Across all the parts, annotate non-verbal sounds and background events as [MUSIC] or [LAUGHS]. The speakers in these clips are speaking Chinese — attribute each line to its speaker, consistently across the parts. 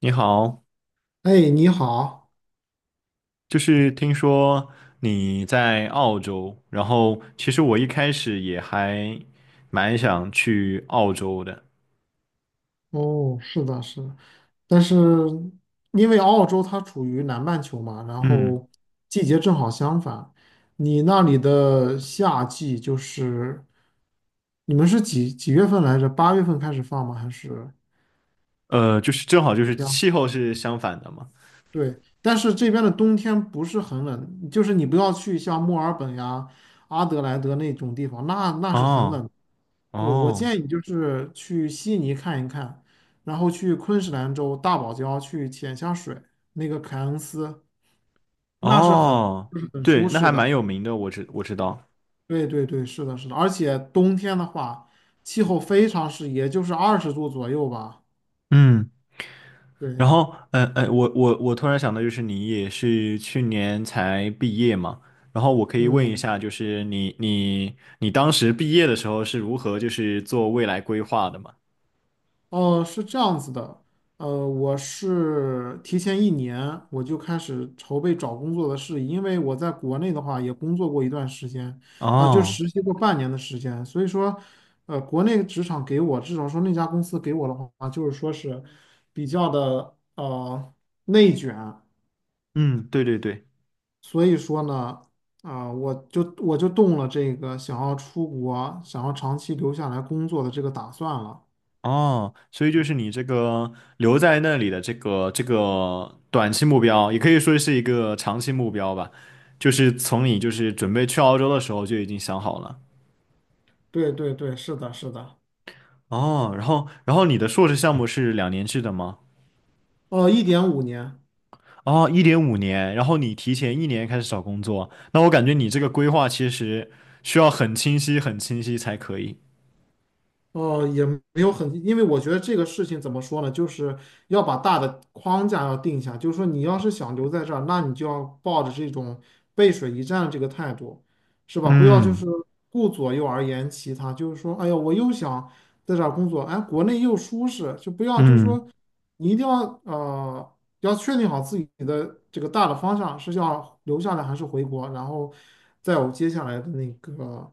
Speaker 1: 你好，
Speaker 2: 哎，你好。
Speaker 1: 就是听说你在澳洲，然后其实我一开始也还蛮想去澳洲的。
Speaker 2: 哦，是的，是的。但是因为澳洲它处于南半球嘛，然
Speaker 1: 嗯。
Speaker 2: 后季节正好相反。你那里的夏季就是你们是几几月份来着？8月份开始放吗？还是？
Speaker 1: 就是正好就是气候是相反的嘛。
Speaker 2: 对，但是这边的冬天不是很冷，就是你不要去像墨尔本呀、阿德莱德那种地方，那是很
Speaker 1: 哦
Speaker 2: 冷。我
Speaker 1: 哦
Speaker 2: 建议就是去悉尼看一看，然后去昆士兰州大堡礁去潜下水，那个凯恩斯，那是很
Speaker 1: 哦，
Speaker 2: 就是很
Speaker 1: 对，
Speaker 2: 舒
Speaker 1: 那
Speaker 2: 适
Speaker 1: 还蛮
Speaker 2: 的。
Speaker 1: 有名的，我知道，
Speaker 2: 对对对，是的，是的。而且冬天的话，气候非常适宜，也就是20度左右吧。
Speaker 1: 嗯。然
Speaker 2: 对，
Speaker 1: 后，我突然想到，就是你也是去年才毕业嘛，然后我可以问一
Speaker 2: 嗯。
Speaker 1: 下，就是你当时毕业的时候是如何就是做未来规划的嘛？
Speaker 2: 哦，是这样子的，我是提前一年我就开始筹备找工作的事宜，因为我在国内的话也工作过一段时间，啊、就
Speaker 1: 哦。
Speaker 2: 实习过半年的时间。所以说，国内职场给我，至少说那家公司给我的话，就是说是比较的内卷。
Speaker 1: 嗯。对对对。
Speaker 2: 所以说呢，啊、我就动了这个想要出国、想要长期留下来工作的这个打算了。
Speaker 1: 哦，所以就是你这个留在那里的这个短期目标，也可以说是一个长期目标吧，就是从你就是准备去澳洲的时候就已经想好了。
Speaker 2: 对对对，是的，是的。
Speaker 1: 哦，然后然后你的硕士项目是2年制的吗？
Speaker 2: 哦，1.5年。
Speaker 1: 哦，一点五年。然后你提前1年开始找工作，那我感觉你这个规划其实需要很清晰、很清晰才可以。
Speaker 2: 哦，也没有很，因为我觉得这个事情怎么说呢，就是要把大的框架要定下，就是说你要是想留在这儿，那你就要抱着这种背水一战的这个态度，是吧？不要就
Speaker 1: 嗯
Speaker 2: 是顾左右而言其他，就是说，哎呀，我又想在这儿工作，哎，国内又舒适，就不要就是说，
Speaker 1: 嗯
Speaker 2: 你一定要要确定好自己的这个大的方向是要留下来还是回国，然后再有接下来的那个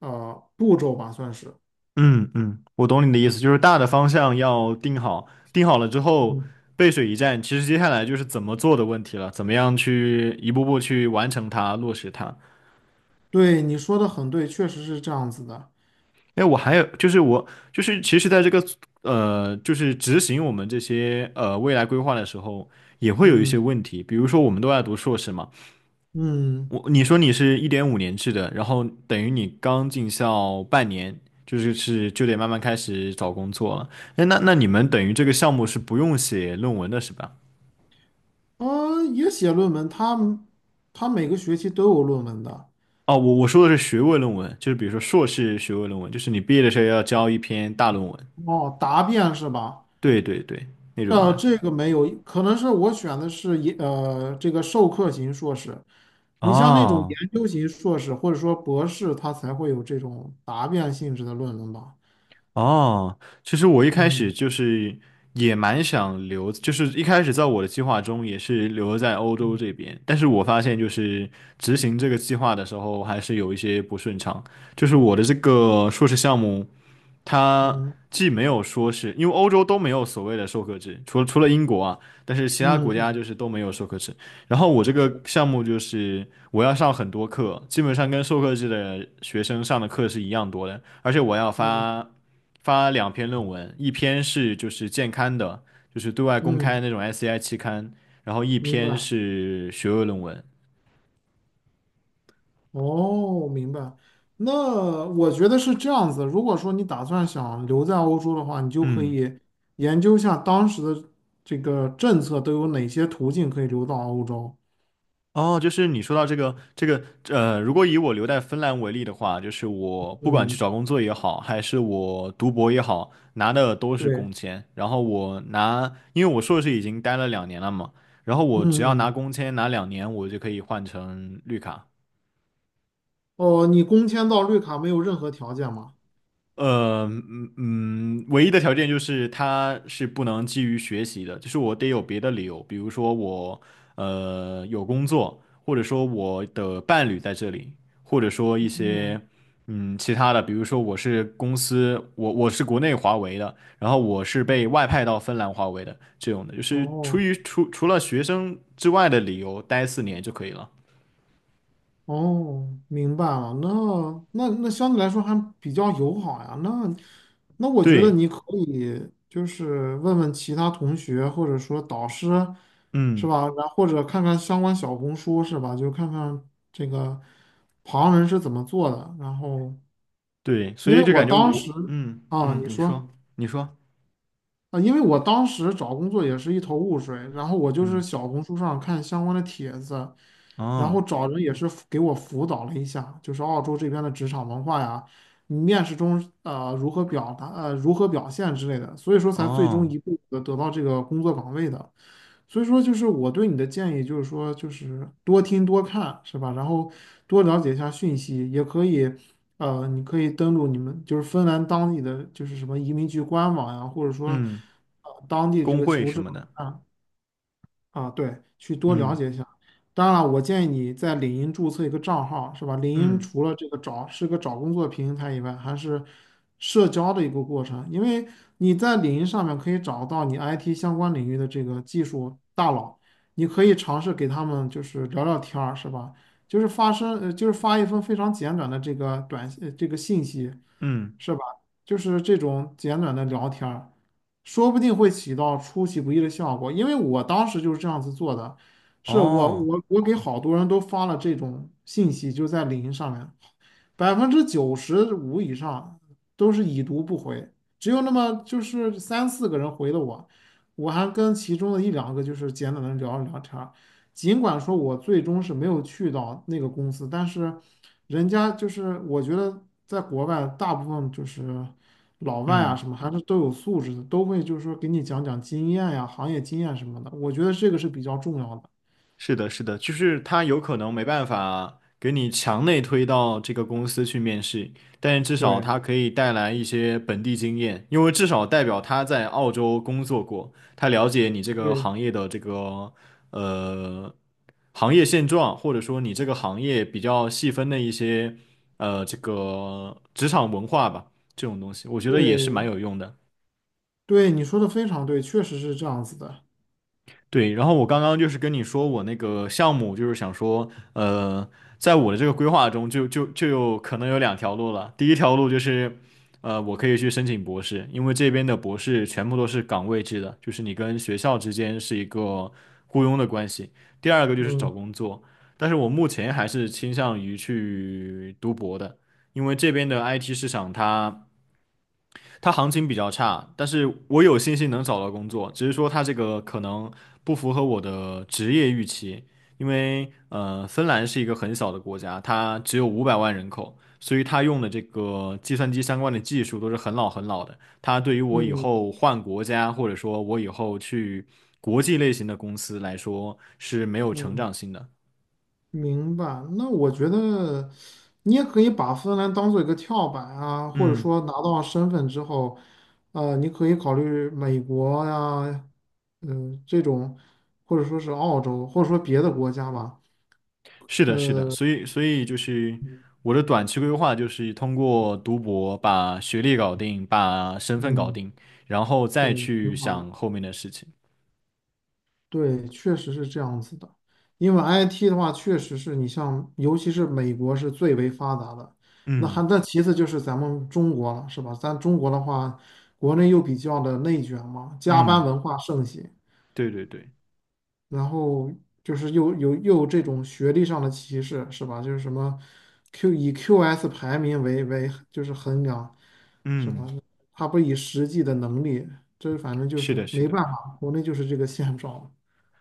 Speaker 2: 步骤吧，算是。
Speaker 1: 嗯，我懂你的意思，就是大的方向要定好，定好了之后
Speaker 2: 嗯。
Speaker 1: 背水一战，其实接下来就是怎么做的问题了，怎么样去一步步去完成它、落实它。
Speaker 2: 对，你说的很对，确实是这样子的。
Speaker 1: 哎，我还有就是我就是其实在这个就是执行我们这些未来规划的时候，也会有一些
Speaker 2: 嗯
Speaker 1: 问题，比如说我们都在读硕士嘛。
Speaker 2: 嗯，
Speaker 1: 你说你是1.5年制的，然后等于你刚进校半年，就是就得慢慢开始找工作了。哎，那那你们等于这个项目是不用写论文的是吧？
Speaker 2: 也写论文，他每个学期都有论文的。
Speaker 1: 哦，我说的是学位论文，就是比如说硕士学位论文，就是你毕业的时候要交一篇大论文。
Speaker 2: 哦，答辩是吧？
Speaker 1: 对对对，那种的。
Speaker 2: 这个没有，可能是我选的是这个授课型硕士。你像那种
Speaker 1: 哦。
Speaker 2: 研究型硕士或者说博士，他才会有这种答辩性质的论文吧？
Speaker 1: 哦。其实我一开始
Speaker 2: 嗯
Speaker 1: 就是也蛮想留，就是一开始在我的计划中也是留在欧洲这
Speaker 2: 嗯
Speaker 1: 边，但是我发现就是执行这个计划的时候还是有一些不顺畅，就是我的这个硕士项目它
Speaker 2: 嗯
Speaker 1: 既没有说是因为欧洲都没有所谓的授课制，除了英国啊，但是其他
Speaker 2: 嗯
Speaker 1: 国家
Speaker 2: 嗯，
Speaker 1: 就是都没有授课制。然后我这个
Speaker 2: 是，
Speaker 1: 项目就是我要上很多课，基本上跟授课制的学生上的课是一样多的，而且我要
Speaker 2: 嗯
Speaker 1: 发两篇论文，一篇是就是健刊的，就是对外公开
Speaker 2: 嗯，
Speaker 1: 那种 SCI 期刊，然后一
Speaker 2: 明
Speaker 1: 篇
Speaker 2: 白。
Speaker 1: 是学位论文。
Speaker 2: 哦，明白。那我觉得是这样子。如果说你打算想留在欧洲的话，你就可
Speaker 1: 嗯。
Speaker 2: 以研究一下当时的这个政策都有哪些途径可以留到欧洲。
Speaker 1: 哦，就是你说到这个如果以我留在芬兰为例的话，就是我不管去
Speaker 2: 嗯，
Speaker 1: 找工作也好，还是我读博也好，拿的都是工
Speaker 2: 对，
Speaker 1: 签。然后我拿，因为我硕士已经待了两年了嘛，然后
Speaker 2: 嗯
Speaker 1: 我只要拿
Speaker 2: 嗯，
Speaker 1: 工签拿两年，我就可以换成绿卡。
Speaker 2: 哦，你工签到绿卡没有任何条件吗？
Speaker 1: 唯一的条件就是他是不能基于学习的，就是我得有别的理由，比如说我有工作，或者说我的伴侣在这里，或者说一些其他的，比如说我是公司，我是国内华为的，然后我是
Speaker 2: 嗯，
Speaker 1: 被外派到芬兰华为的这种的，就是出
Speaker 2: 哦。
Speaker 1: 于除了学生之外的理由待4年就可以了。
Speaker 2: 哦，明白了。那那相对来说还比较友好呀。那我觉得
Speaker 1: 对。
Speaker 2: 你可以就是问问其他同学或者说导师，是
Speaker 1: 嗯。
Speaker 2: 吧？然后或者看看相关小红书，是吧？就看看这个旁人是怎么做的。然后，
Speaker 1: 对，所
Speaker 2: 因为
Speaker 1: 以就
Speaker 2: 我
Speaker 1: 感觉
Speaker 2: 当
Speaker 1: 我。
Speaker 2: 时啊，
Speaker 1: 嗯，
Speaker 2: 你
Speaker 1: 你说，
Speaker 2: 说。
Speaker 1: 你说。
Speaker 2: 啊，因为我当时找工作也是一头雾水，然后我就是
Speaker 1: 嗯。
Speaker 2: 小红书上看相关的帖子，然后
Speaker 1: 哦
Speaker 2: 找人也是给我辅导了一下，就是澳洲这边的职场文化呀，面试中如何表达如何表现之类的，所以说才最终
Speaker 1: 哦，
Speaker 2: 一步的得到这个工作岗位的。所以说，就是我对你的建议，就是说，就是多听多看，是吧？然后多了解一下讯息，也可以。你可以登录你们就是芬兰当地的就是什么移民局官网呀，或者说，
Speaker 1: 嗯，
Speaker 2: 当地这
Speaker 1: 工
Speaker 2: 个
Speaker 1: 会
Speaker 2: 求
Speaker 1: 什
Speaker 2: 职
Speaker 1: 么
Speaker 2: 网
Speaker 1: 的。
Speaker 2: 站，啊，对，去多了
Speaker 1: 嗯
Speaker 2: 解一下。当然了，我建议你在领英注册一个账号，是吧？领英
Speaker 1: 嗯
Speaker 2: 除了这个找是个找工作平台以外，还是社交的一个过程，因为你在领英上面可以找到你 IT 相关领域的这个技术大佬，你可以尝试给他们就是聊聊天儿，是吧？就是发一封非常简短的这个这个信息，
Speaker 1: 嗯。
Speaker 2: 是吧？就是这种简短的聊天儿。说不定会起到出其不意的效果。因为我当时就是这样子做的，是我
Speaker 1: 哦。
Speaker 2: 我我给好多人都发了这种信息，就在领英上面，95%以上都是已读不回，只有那么就是三四个人回了我，我还跟其中的一两个就是简短的聊了聊天儿。尽管说我最终是没有去到那个公司，但是人家就是我觉得在国外大部分就是老外啊
Speaker 1: 嗯。
Speaker 2: 什么还是都有素质的，都会就是说给你讲讲经验呀、行业经验什么的，我觉得这个是比较重要的。
Speaker 1: 是的，是的，就是他有可能没办法给你强内推到这个公司去面试，但是至少他
Speaker 2: 对
Speaker 1: 可以带来一些本地经验，因为至少代表他在澳洲工作过，他了解你这个
Speaker 2: 对
Speaker 1: 行业的这个呃行业现状，或者说你这个行业比较细分的一些这个职场文化吧，这种东西，我觉得也是蛮
Speaker 2: 对
Speaker 1: 有用的。
Speaker 2: 对，你说的非常对，确实是这样子的。
Speaker 1: 对，然后我刚刚就是跟你说我那个项目，就是想说，在我的这个规划中就有可能有两条路了。第一条路就是，我可以去申请博士，因为这边的博士全部都是岗位制的，就是你跟学校之间是一个雇佣的关系。第二个就是找
Speaker 2: 嗯
Speaker 1: 工作，但是我目前还是倾向于去读博的，因为这边的 IT 市场它行情比较差，但是我有信心能找到工作，只是说它这个可能不符合我的职业预期，因为芬兰是一个很小的国家，它只有500万人口，所以它用的这个计算机相关的技术都是很老很老的，它对于我以
Speaker 2: 嗯
Speaker 1: 后换国家，或者说我以后去国际类型的公司来说是没有成
Speaker 2: 嗯，
Speaker 1: 长性的。
Speaker 2: 明白。那我觉得你也可以把芬兰当做一个跳板啊，或者
Speaker 1: 嗯。
Speaker 2: 说拿到身份之后，你可以考虑美国呀，嗯、这种，或者说是澳洲，或者说别的国家吧。
Speaker 1: 是的，是的，
Speaker 2: 呃，
Speaker 1: 所以就是
Speaker 2: 嗯，
Speaker 1: 我的短期规划就是通过读博把学历搞定，把身份搞
Speaker 2: 嗯
Speaker 1: 定，然后再
Speaker 2: 对，
Speaker 1: 去
Speaker 2: 挺好
Speaker 1: 想
Speaker 2: 的。
Speaker 1: 后面的事情。
Speaker 2: 对，确实是这样子的。因为 IT 的话，确实是你像，尤其是美国是最为发达的。那还
Speaker 1: 嗯
Speaker 2: 那其次就是咱们中国了，是吧？咱中国的话，国内又比较的内卷嘛，加班
Speaker 1: 嗯，
Speaker 2: 文化盛行，
Speaker 1: 对对对，
Speaker 2: 然后就是又有这种学历上的歧视，是吧？就是什么 以 QS 排名为就是衡量，是吧？
Speaker 1: 嗯，
Speaker 2: 他不以实际的能力，这反正就
Speaker 1: 是的，
Speaker 2: 是
Speaker 1: 是
Speaker 2: 没
Speaker 1: 的。
Speaker 2: 办法，国内就是这个现状。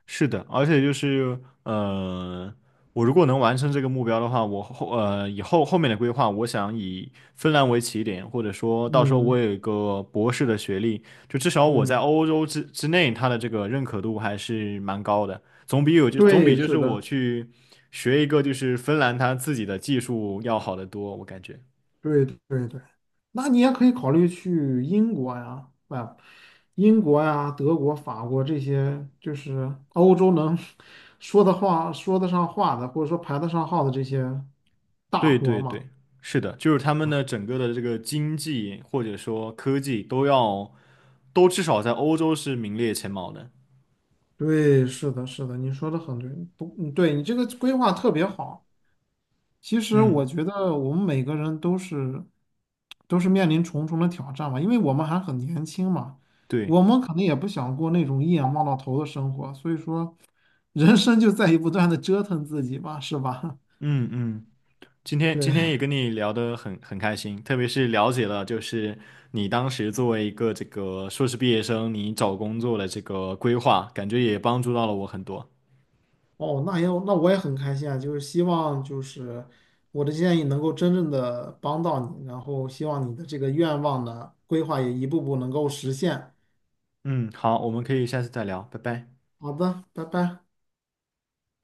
Speaker 1: 是的，而且就是我如果能完成这个目标的话，以后后面的规划，我想以芬兰为起点，或者说到时候我
Speaker 2: 嗯
Speaker 1: 有一个博士的学历，就至少我在
Speaker 2: 嗯。
Speaker 1: 欧洲之内，它的这个认可度还是蛮高的，总比
Speaker 2: 对，
Speaker 1: 就是
Speaker 2: 是
Speaker 1: 我
Speaker 2: 的，
Speaker 1: 去学一个就是芬兰它自己的技术要好得多，我感觉。
Speaker 2: 对对对，那你也可以考虑去英国呀，啊，英国呀、德国、法国这些，就是欧洲能 [LAUGHS] 说的话、说得上话的，或者说排得上号的这些大
Speaker 1: 对
Speaker 2: 国
Speaker 1: 对
Speaker 2: 嘛。
Speaker 1: 对，是的，就是他们的整个的这个经济或者说科技都要，都至少在欧洲是名列前茅的。
Speaker 2: 对，是的，是的，你说的很对，不，嗯对，你这个规划特别好。其实我
Speaker 1: 嗯，
Speaker 2: 觉得我们每个人都是面临重重的挑战嘛，因为我们还很年轻嘛，
Speaker 1: 对。
Speaker 2: 我们可能也不想过那种一眼望到头的生活，所以说人生就在于不断的折腾自己吧，是吧？
Speaker 1: 嗯嗯，今
Speaker 2: [LAUGHS]
Speaker 1: 天
Speaker 2: 对，
Speaker 1: 今天也跟你聊得很开心，特别是了解了就是你当时作为一个这个硕士毕业生，你找工作的这个规划，感觉也帮助到了我很多。
Speaker 2: 哦，那我也很开心啊，就是希望就是我的建议能够真正的帮到你，然后希望你的这个愿望呢，规划也一步步能够实现。
Speaker 1: 嗯，好，我们可以下次再聊，拜拜。
Speaker 2: 好的，拜拜。